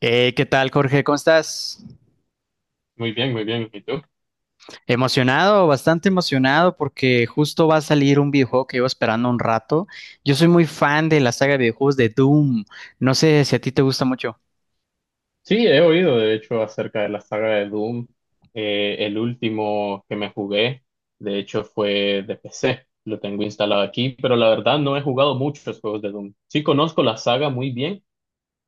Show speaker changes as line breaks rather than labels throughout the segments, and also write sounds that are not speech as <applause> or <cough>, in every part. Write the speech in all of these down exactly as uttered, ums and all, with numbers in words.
Eh, ¿qué tal, Jorge? ¿Cómo estás?
Muy bien, muy bien. ¿Y tú?
Emocionado, bastante emocionado porque justo va a salir un videojuego que llevo esperando un rato. Yo soy muy fan de la saga de videojuegos de Doom. No sé si a ti te gusta mucho.
Sí, he oído de hecho acerca de la saga de Doom. Eh, el último que me jugué, de hecho, fue de P C. Lo tengo instalado aquí, pero la verdad no he jugado muchos juegos de Doom. Sí conozco la saga muy bien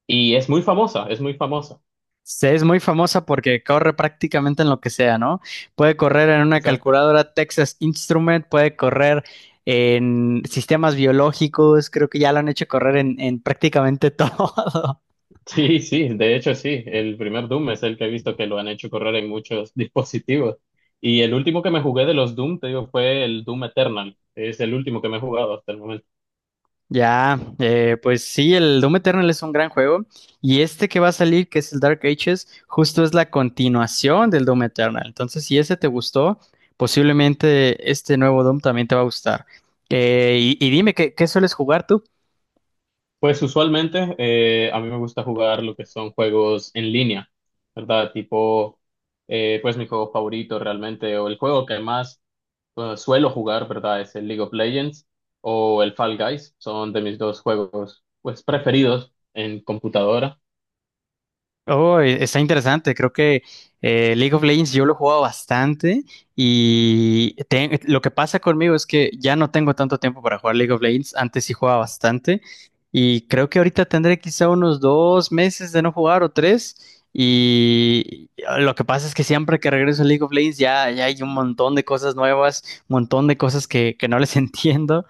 y es muy famosa, es muy famosa.
Se- Es muy famosa porque corre prácticamente en lo que sea, ¿no? Puede correr en una
Exacto. <laughs>
calculadora Texas Instrument, puede correr en sistemas biológicos, creo que ya lo han hecho correr en, en prácticamente <laughs> todo.
Sí, sí, de hecho sí. El primer Doom es el que he visto que lo han hecho correr en muchos <laughs> dispositivos. Y el último que me jugué de los Doom, te digo, fue el Doom Eternal. Es el último que me he jugado hasta el momento.
Ya, eh, pues sí, el Doom Eternal es un gran juego y este que va a salir, que es el Dark Ages, justo es la continuación del Doom Eternal. Entonces, si ese te gustó, posiblemente este nuevo Doom también te va a gustar. Eh, y, y dime, ¿qué, qué sueles jugar tú?
Pues usualmente eh, a mí me gusta jugar lo que son juegos en línea, ¿verdad? Tipo, eh, pues mi juego favorito realmente, o el juego que más eh, suelo jugar, ¿verdad? Es el League of Legends o el Fall Guys, son de mis dos juegos pues preferidos en computadora.
Oh, e- está interesante. Creo que eh, League of Legends yo lo he jugado bastante y te- lo que pasa conmigo es que ya no tengo tanto tiempo para jugar League of Legends. Antes sí jugaba bastante y creo que ahorita tendré quizá unos dos meses de no jugar o tres. Y ah, lo que pasa es que siempre que regreso a League of Legends ya, ya hay un montón de cosas nuevas, un montón de cosas que, que no les <laughs> entiendo.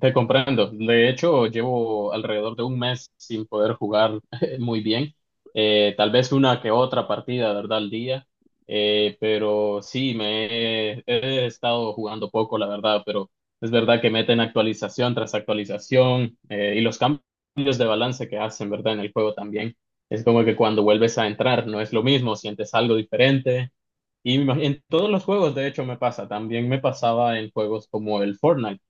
Te comprendo. De hecho, llevo alrededor de un mes sin poder jugar <laughs> muy bien. Eh, tal vez una que otra partida, ¿verdad? Al día. Eh, pero sí, me he, he estado jugando poco, la verdad. Pero es verdad que meten actualización tras actualización eh, y los cambios de balance que hacen, ¿verdad? En el juego también. Es como que cuando vuelves a entrar no es lo mismo, sientes algo diferente. Y me imag- en todos los juegos, de hecho, me pasa. También me pasaba en juegos como el Fortnite.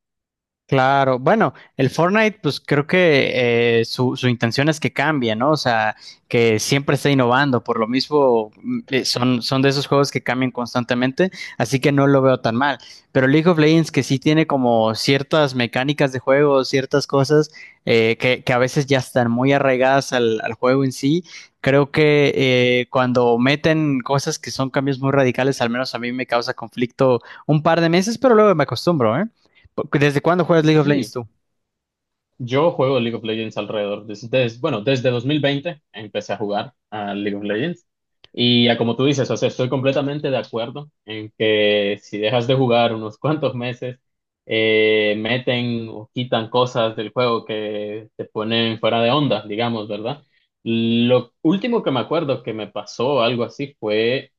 Claro, bueno, el Fortnite, pues creo que eh, su, su intención es que cambie, ¿no? O sea, que siempre esté innovando, por lo mismo mm, eh, son, son de esos juegos que cambian constantemente, así que no lo veo tan mal. Pero League of Legends, que sí tiene como ciertas mecánicas de juego, ciertas cosas eh, que, que a veces ya están muy arraigadas al, al juego en sí, creo que eh, cuando meten cosas que son cambios muy radicales, al menos a mí me causa conflicto un par de meses, pero luego me acostumbro, ¿eh? ¿Desde cuándo juegas League of Legends
Sí.
tú?
Yo juego League of Legends alrededor, desde, bueno, desde dos mil veinte empecé a jugar a League of Legends. Y ya como tú dices, o sea, estoy completamente de acuerdo en que si dejas de jugar unos <laughs> cuantos meses, eh, meten o quitan cosas del juego que te ponen fuera de onda, digamos, ¿verdad? Lo último que me acuerdo que me pasó algo así fue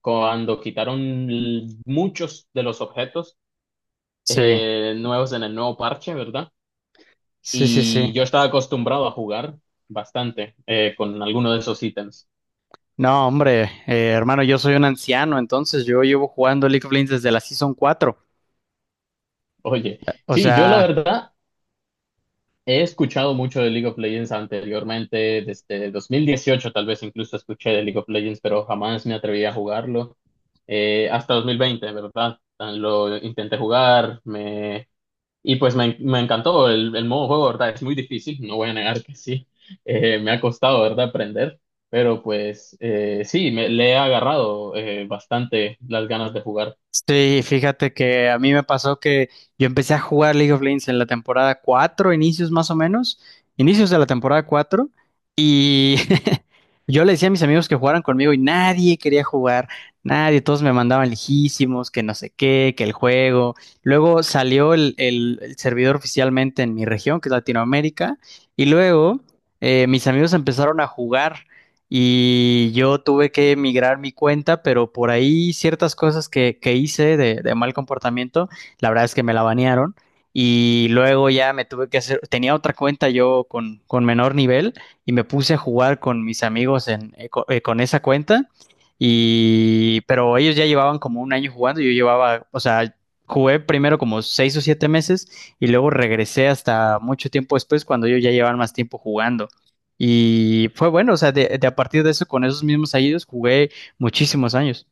cuando quitaron l- muchos de los objetos
Sí,
eh, nuevos en el nuevo parche, ¿verdad?
sí, sí, sí.
Y yo estaba acostumbrado a jugar bastante eh, con alguno de esos ítems.
No, hombre, eh, hermano, yo soy un anciano, entonces yo llevo jugando League of Legends desde la Season cuatro.
Oye,
O
sí, yo la
sea,
verdad he escuchado mucho de League of Legends anteriormente, desde dos mil dieciocho tal vez incluso escuché de League of Legends, pero jamás me atreví a jugarlo. Eh, hasta dos mil veinte, ¿verdad? Lo intenté jugar, me Y pues me, me encantó el, el modo juego, ¿verdad? Es muy difícil, no voy a negar que sí. Eh, me ha costado, ¿verdad? Aprender, pero pues eh, sí, me, le he agarrado eh, bastante las ganas de jugar.
sí, fíjate que a mí me pasó que yo empecé a jugar League of Legends en la temporada cuatro inicios más o menos, inicios de la temporada cuatro y <laughs> yo le decía a mis amigos que jugaran conmigo y nadie quería jugar, nadie, todos me mandaban lejísimos, que no sé qué, que el juego. Luego salió el, el- el servidor oficialmente en mi región, que es Latinoamérica, y luego eh, mis amigos empezaron a jugar y yo tuve que migrar mi cuenta, pero por ahí ciertas cosas que, que hice de, de mal comportamiento, la verdad es que me la banearon y luego ya me tuve que hacer, tenía otra cuenta yo con, con menor nivel y me puse a jugar con mis amigos en, eh, co- eh, con esa cuenta y, pero ellos ya llevaban como un año jugando, yo llevaba, o sea... Jugué primero como seis o siete meses y luego regresé hasta mucho tiempo después cuando ellos ya llevaban más tiempo jugando. Y fue bueno, o sea, de, de a partir de eso, con esos mismos años, jugué muchísimos años.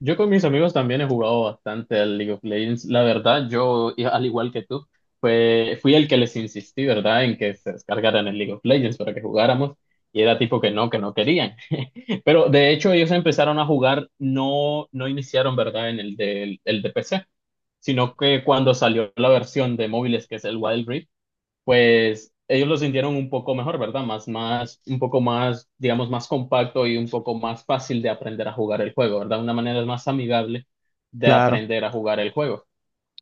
Yo con mis amigos también he jugado bastante al League of Legends. La verdad, yo, i- al igual que tú, fue fui el que les insistí, ¿verdad? En que se descargaran el League of Legends para que jugáramos. Y era tipo que no, que no querían. <laughs> Pero de hecho ellos empezaron a jugar, no, no iniciaron, ¿verdad? En el de, el de P C, sino que cuando salió la versión de móviles, que es el Wild Rift, pues ellos lo sintieron un poco mejor, ¿verdad? Más, más, un poco más, digamos, más compacto y un poco más fácil de aprender a jugar el juego, ¿verdad? Una manera más amigable de
Claro,
aprender a jugar el juego.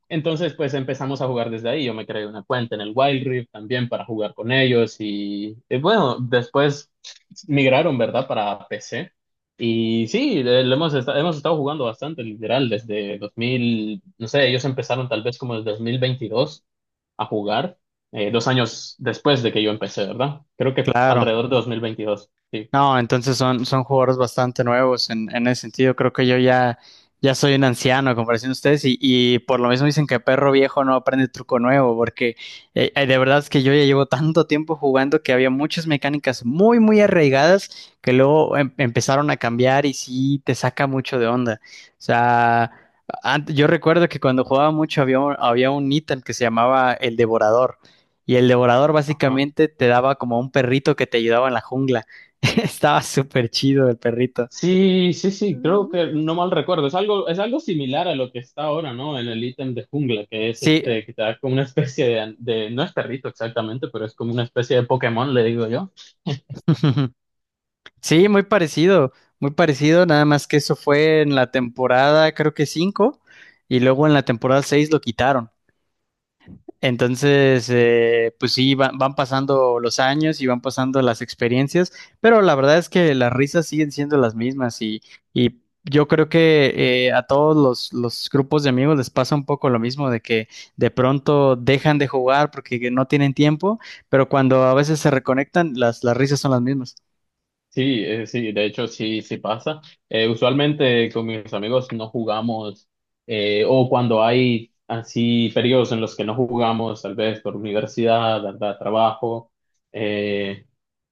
Entonces, pues empezamos a jugar desde ahí. Yo me creé una cuenta en el Wild Rift también para jugar con ellos y, eh, bueno, después migraron, ¿verdad? Para P C. Y sí, eh, lo hemos, esta- hemos estado jugando bastante, literal, desde dos mil. No sé, ellos empezaron tal vez como desde dos mil veintidós a jugar, eh, dos años después de que yo empecé, ¿verdad? Creo que
claro.
alrededor de dos mil veintidós. Sí.
No, entonces son, son jugadores bastante nuevos en, en ese sentido. Creo que yo ya, ya soy un anciano a comparación de ustedes y, y por lo mismo dicen que perro viejo no aprende truco nuevo, porque eh, eh, de verdad es que yo ya llevo tanto tiempo jugando que había muchas mecánicas muy, muy arraigadas que luego em- empezaron a cambiar y sí te saca mucho de onda. O sea, ant- yo recuerdo que cuando jugaba mucho había un, había un ítem que se llamaba el Devorador. Y el devorador básicamente te daba como un perrito que te ayudaba en la jungla. <laughs> Estaba súper chido el perrito.
Sí, sí, sí, creo que no mal recuerdo. Es algo, es algo similar a lo que está ahora, ¿no? En el ítem de jungla, que es
Sí,
este, que te da como una especie de, de- no es perrito exactamente, pero es como una especie de Pokémon, le digo yo.
<laughs> sí, muy parecido, muy parecido, nada más que eso fue en la temporada, creo que cinco, y luego en la temporada seis lo quitaron. Entonces, eh, pues sí, va- van pasando los años y van pasando las experiencias, pero la verdad es que las risas siguen siendo las mismas y, y yo creo que eh, a todos los, los grupos de amigos les pasa un poco lo mismo, de que de pronto dejan de jugar porque no tienen tiempo, pero cuando a veces se reconectan, las, las risas son las mismas.
Sí, eh, sí, de hecho sí, sí pasa. Eh, usualmente con mis amigos no jugamos, eh, o cuando hay así periodos en los que no jugamos, tal vez por universidad, andar a trabajo. eh,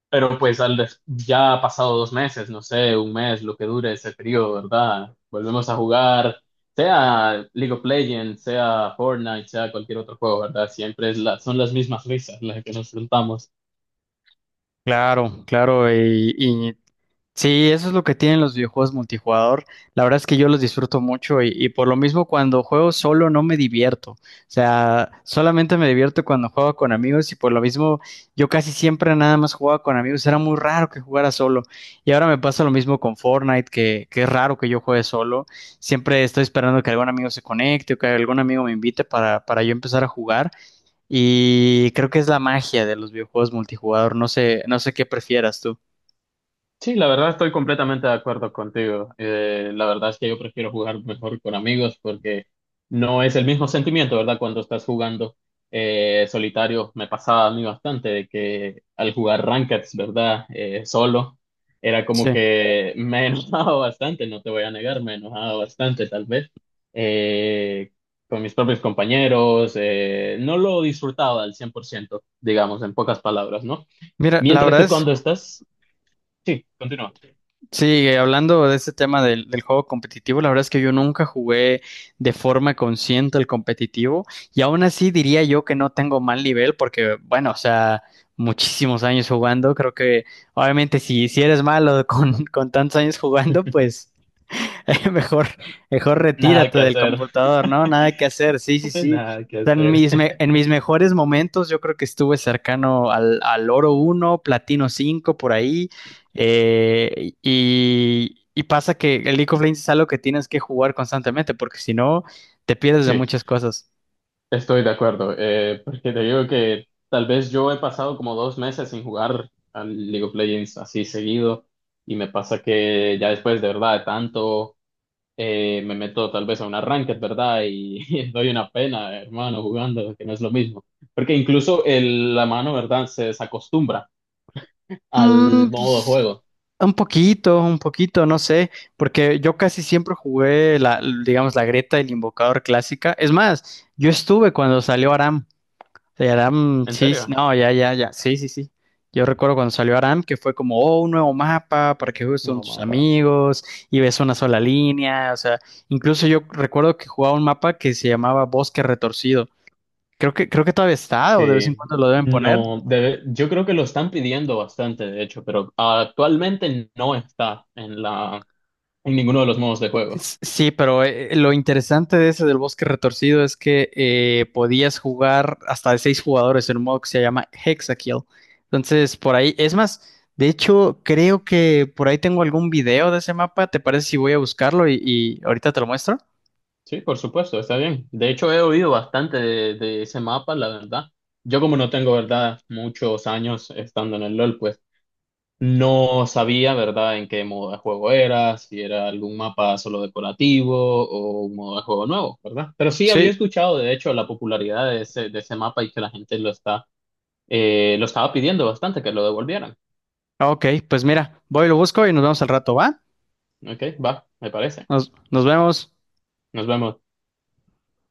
Pero pues al des- ya ha pasado dos meses, no sé, un mes, lo que dure ese periodo, ¿verdad? Volvemos a jugar, sea League of Legends, sea Fortnite, sea cualquier otro juego, ¿verdad? Siempre es la, son las mismas risas las que nos enfrentamos.
Claro, claro, y, y sí, eso es lo que tienen los videojuegos multijugador. La verdad es que yo los disfruto mucho y, y por lo mismo cuando juego solo no me divierto. O sea, solamente me divierto cuando juego con amigos y por lo mismo yo casi siempre nada más jugaba con amigos. Era muy raro que jugara solo. Y ahora me pasa lo mismo con Fortnite, que, que es raro que yo juegue solo. Siempre estoy esperando que algún amigo se conecte o que algún amigo me invite para, para yo empezar a jugar. Y creo que es la magia de los videojuegos multijugador. No sé, no sé qué prefieras tú.
Sí, la verdad estoy completamente de acuerdo contigo. Eh, la verdad es que yo prefiero jugar mejor con amigos porque no es el mismo sentimiento, ¿verdad? Cuando estás jugando eh, solitario, me pasaba a mí bastante de que al jugar rankeds, ¿verdad? Eh, solo, era como
Sí.
que me enojaba <laughs> bastante, no te voy a negar, me enojaba bastante tal vez eh, con mis propios compañeros, eh, no lo disfrutaba al cien por ciento, digamos, en pocas palabras, ¿no?
Mira, la
Mientras
verdad
que
es,
cuando estás... Sí, continúa.
sí, hablando de este tema del, del juego competitivo, la verdad es que yo nunca jugué de forma consciente el competitivo y aún así diría yo que no tengo mal nivel porque, bueno, o sea, muchísimos años jugando, creo que obviamente si, si eres malo <laughs> con, con tantos años jugando,
<laughs>
pues <laughs> mejor, mejor
Nada
retírate
que
del
hacer,
computador, ¿no? Nada que hacer, sí, sí,
<laughs>
sí.
nada que
O sea, En
hacer.
mis, me- en mis mejores momentos yo creo que estuve cercano al, al oro uno platino cinco por ahí. eh, y, y pasa que el League of Legends es algo que tienes que jugar constantemente porque si no te pierdes de
Sí,
muchas cosas.
estoy de acuerdo, eh, porque te digo que tal vez yo he pasado como dos meses sin jugar al League of Legends así seguido y me pasa que ya después de verdad de tanto eh, me meto tal vez a una ranked, ¿verdad? Y, <laughs> doy una pena, hermano, jugando, que no es lo mismo, porque incluso el, la mano, ¿verdad? Se desacostumbra al
Mm,
modo de
pues,
juego.
un poquito, un poquito, no sé, porque yo casi siempre jugué la, digamos, la Greta y el Invocador clásica. Es más, yo estuve cuando salió Aram. Sí, Aram,
¿En
sí, sí,
serio?
no, ya, ya, ya, sí, sí, sí. Yo recuerdo cuando salió Aram que fue como, oh, un nuevo mapa para que juegues con
No,
tus
mano.
amigos y ves una sola línea, o sea, incluso yo recuerdo que jugaba un mapa que se llamaba Bosque Retorcido. Creo que, creo que todavía está o de vez en
Sí,
cuando lo deben poner.
no, debe- yo creo que lo están pidiendo bastante, de hecho, pero actualmente no está en la, en ninguno de los modos de juego.
S- Sí, pero eh, eh, lo interesante de ese del bosque retorcido es que eh, podías jugar hasta de seis jugadores en un modo que se llama Hexakill. Entonces, por ahí, es más, de hecho, creo que por ahí tengo algún video de ese mapa. ¿Te parece si voy a buscarlo y, y ahorita te lo muestro?
Sí, por supuesto, está bien. De hecho, he oído bastante de, de ese mapa, la verdad. Yo como no tengo, verdad, muchos años estando en el LOL, pues no sabía, verdad, en qué modo de juego era, si era algún mapa solo decorativo o un modo de juego nuevo, ¿verdad? Pero sí había
Sí,
escuchado, de hecho, la popularidad de ese, de ese mapa y que la gente lo está Eh, lo estaba pidiendo bastante que lo devolvieran.
ok, pues mira, voy, y lo busco y nos vemos al rato, ¿va?
Ok, va, me parece.
Nos, nos vemos.
Nos vemos.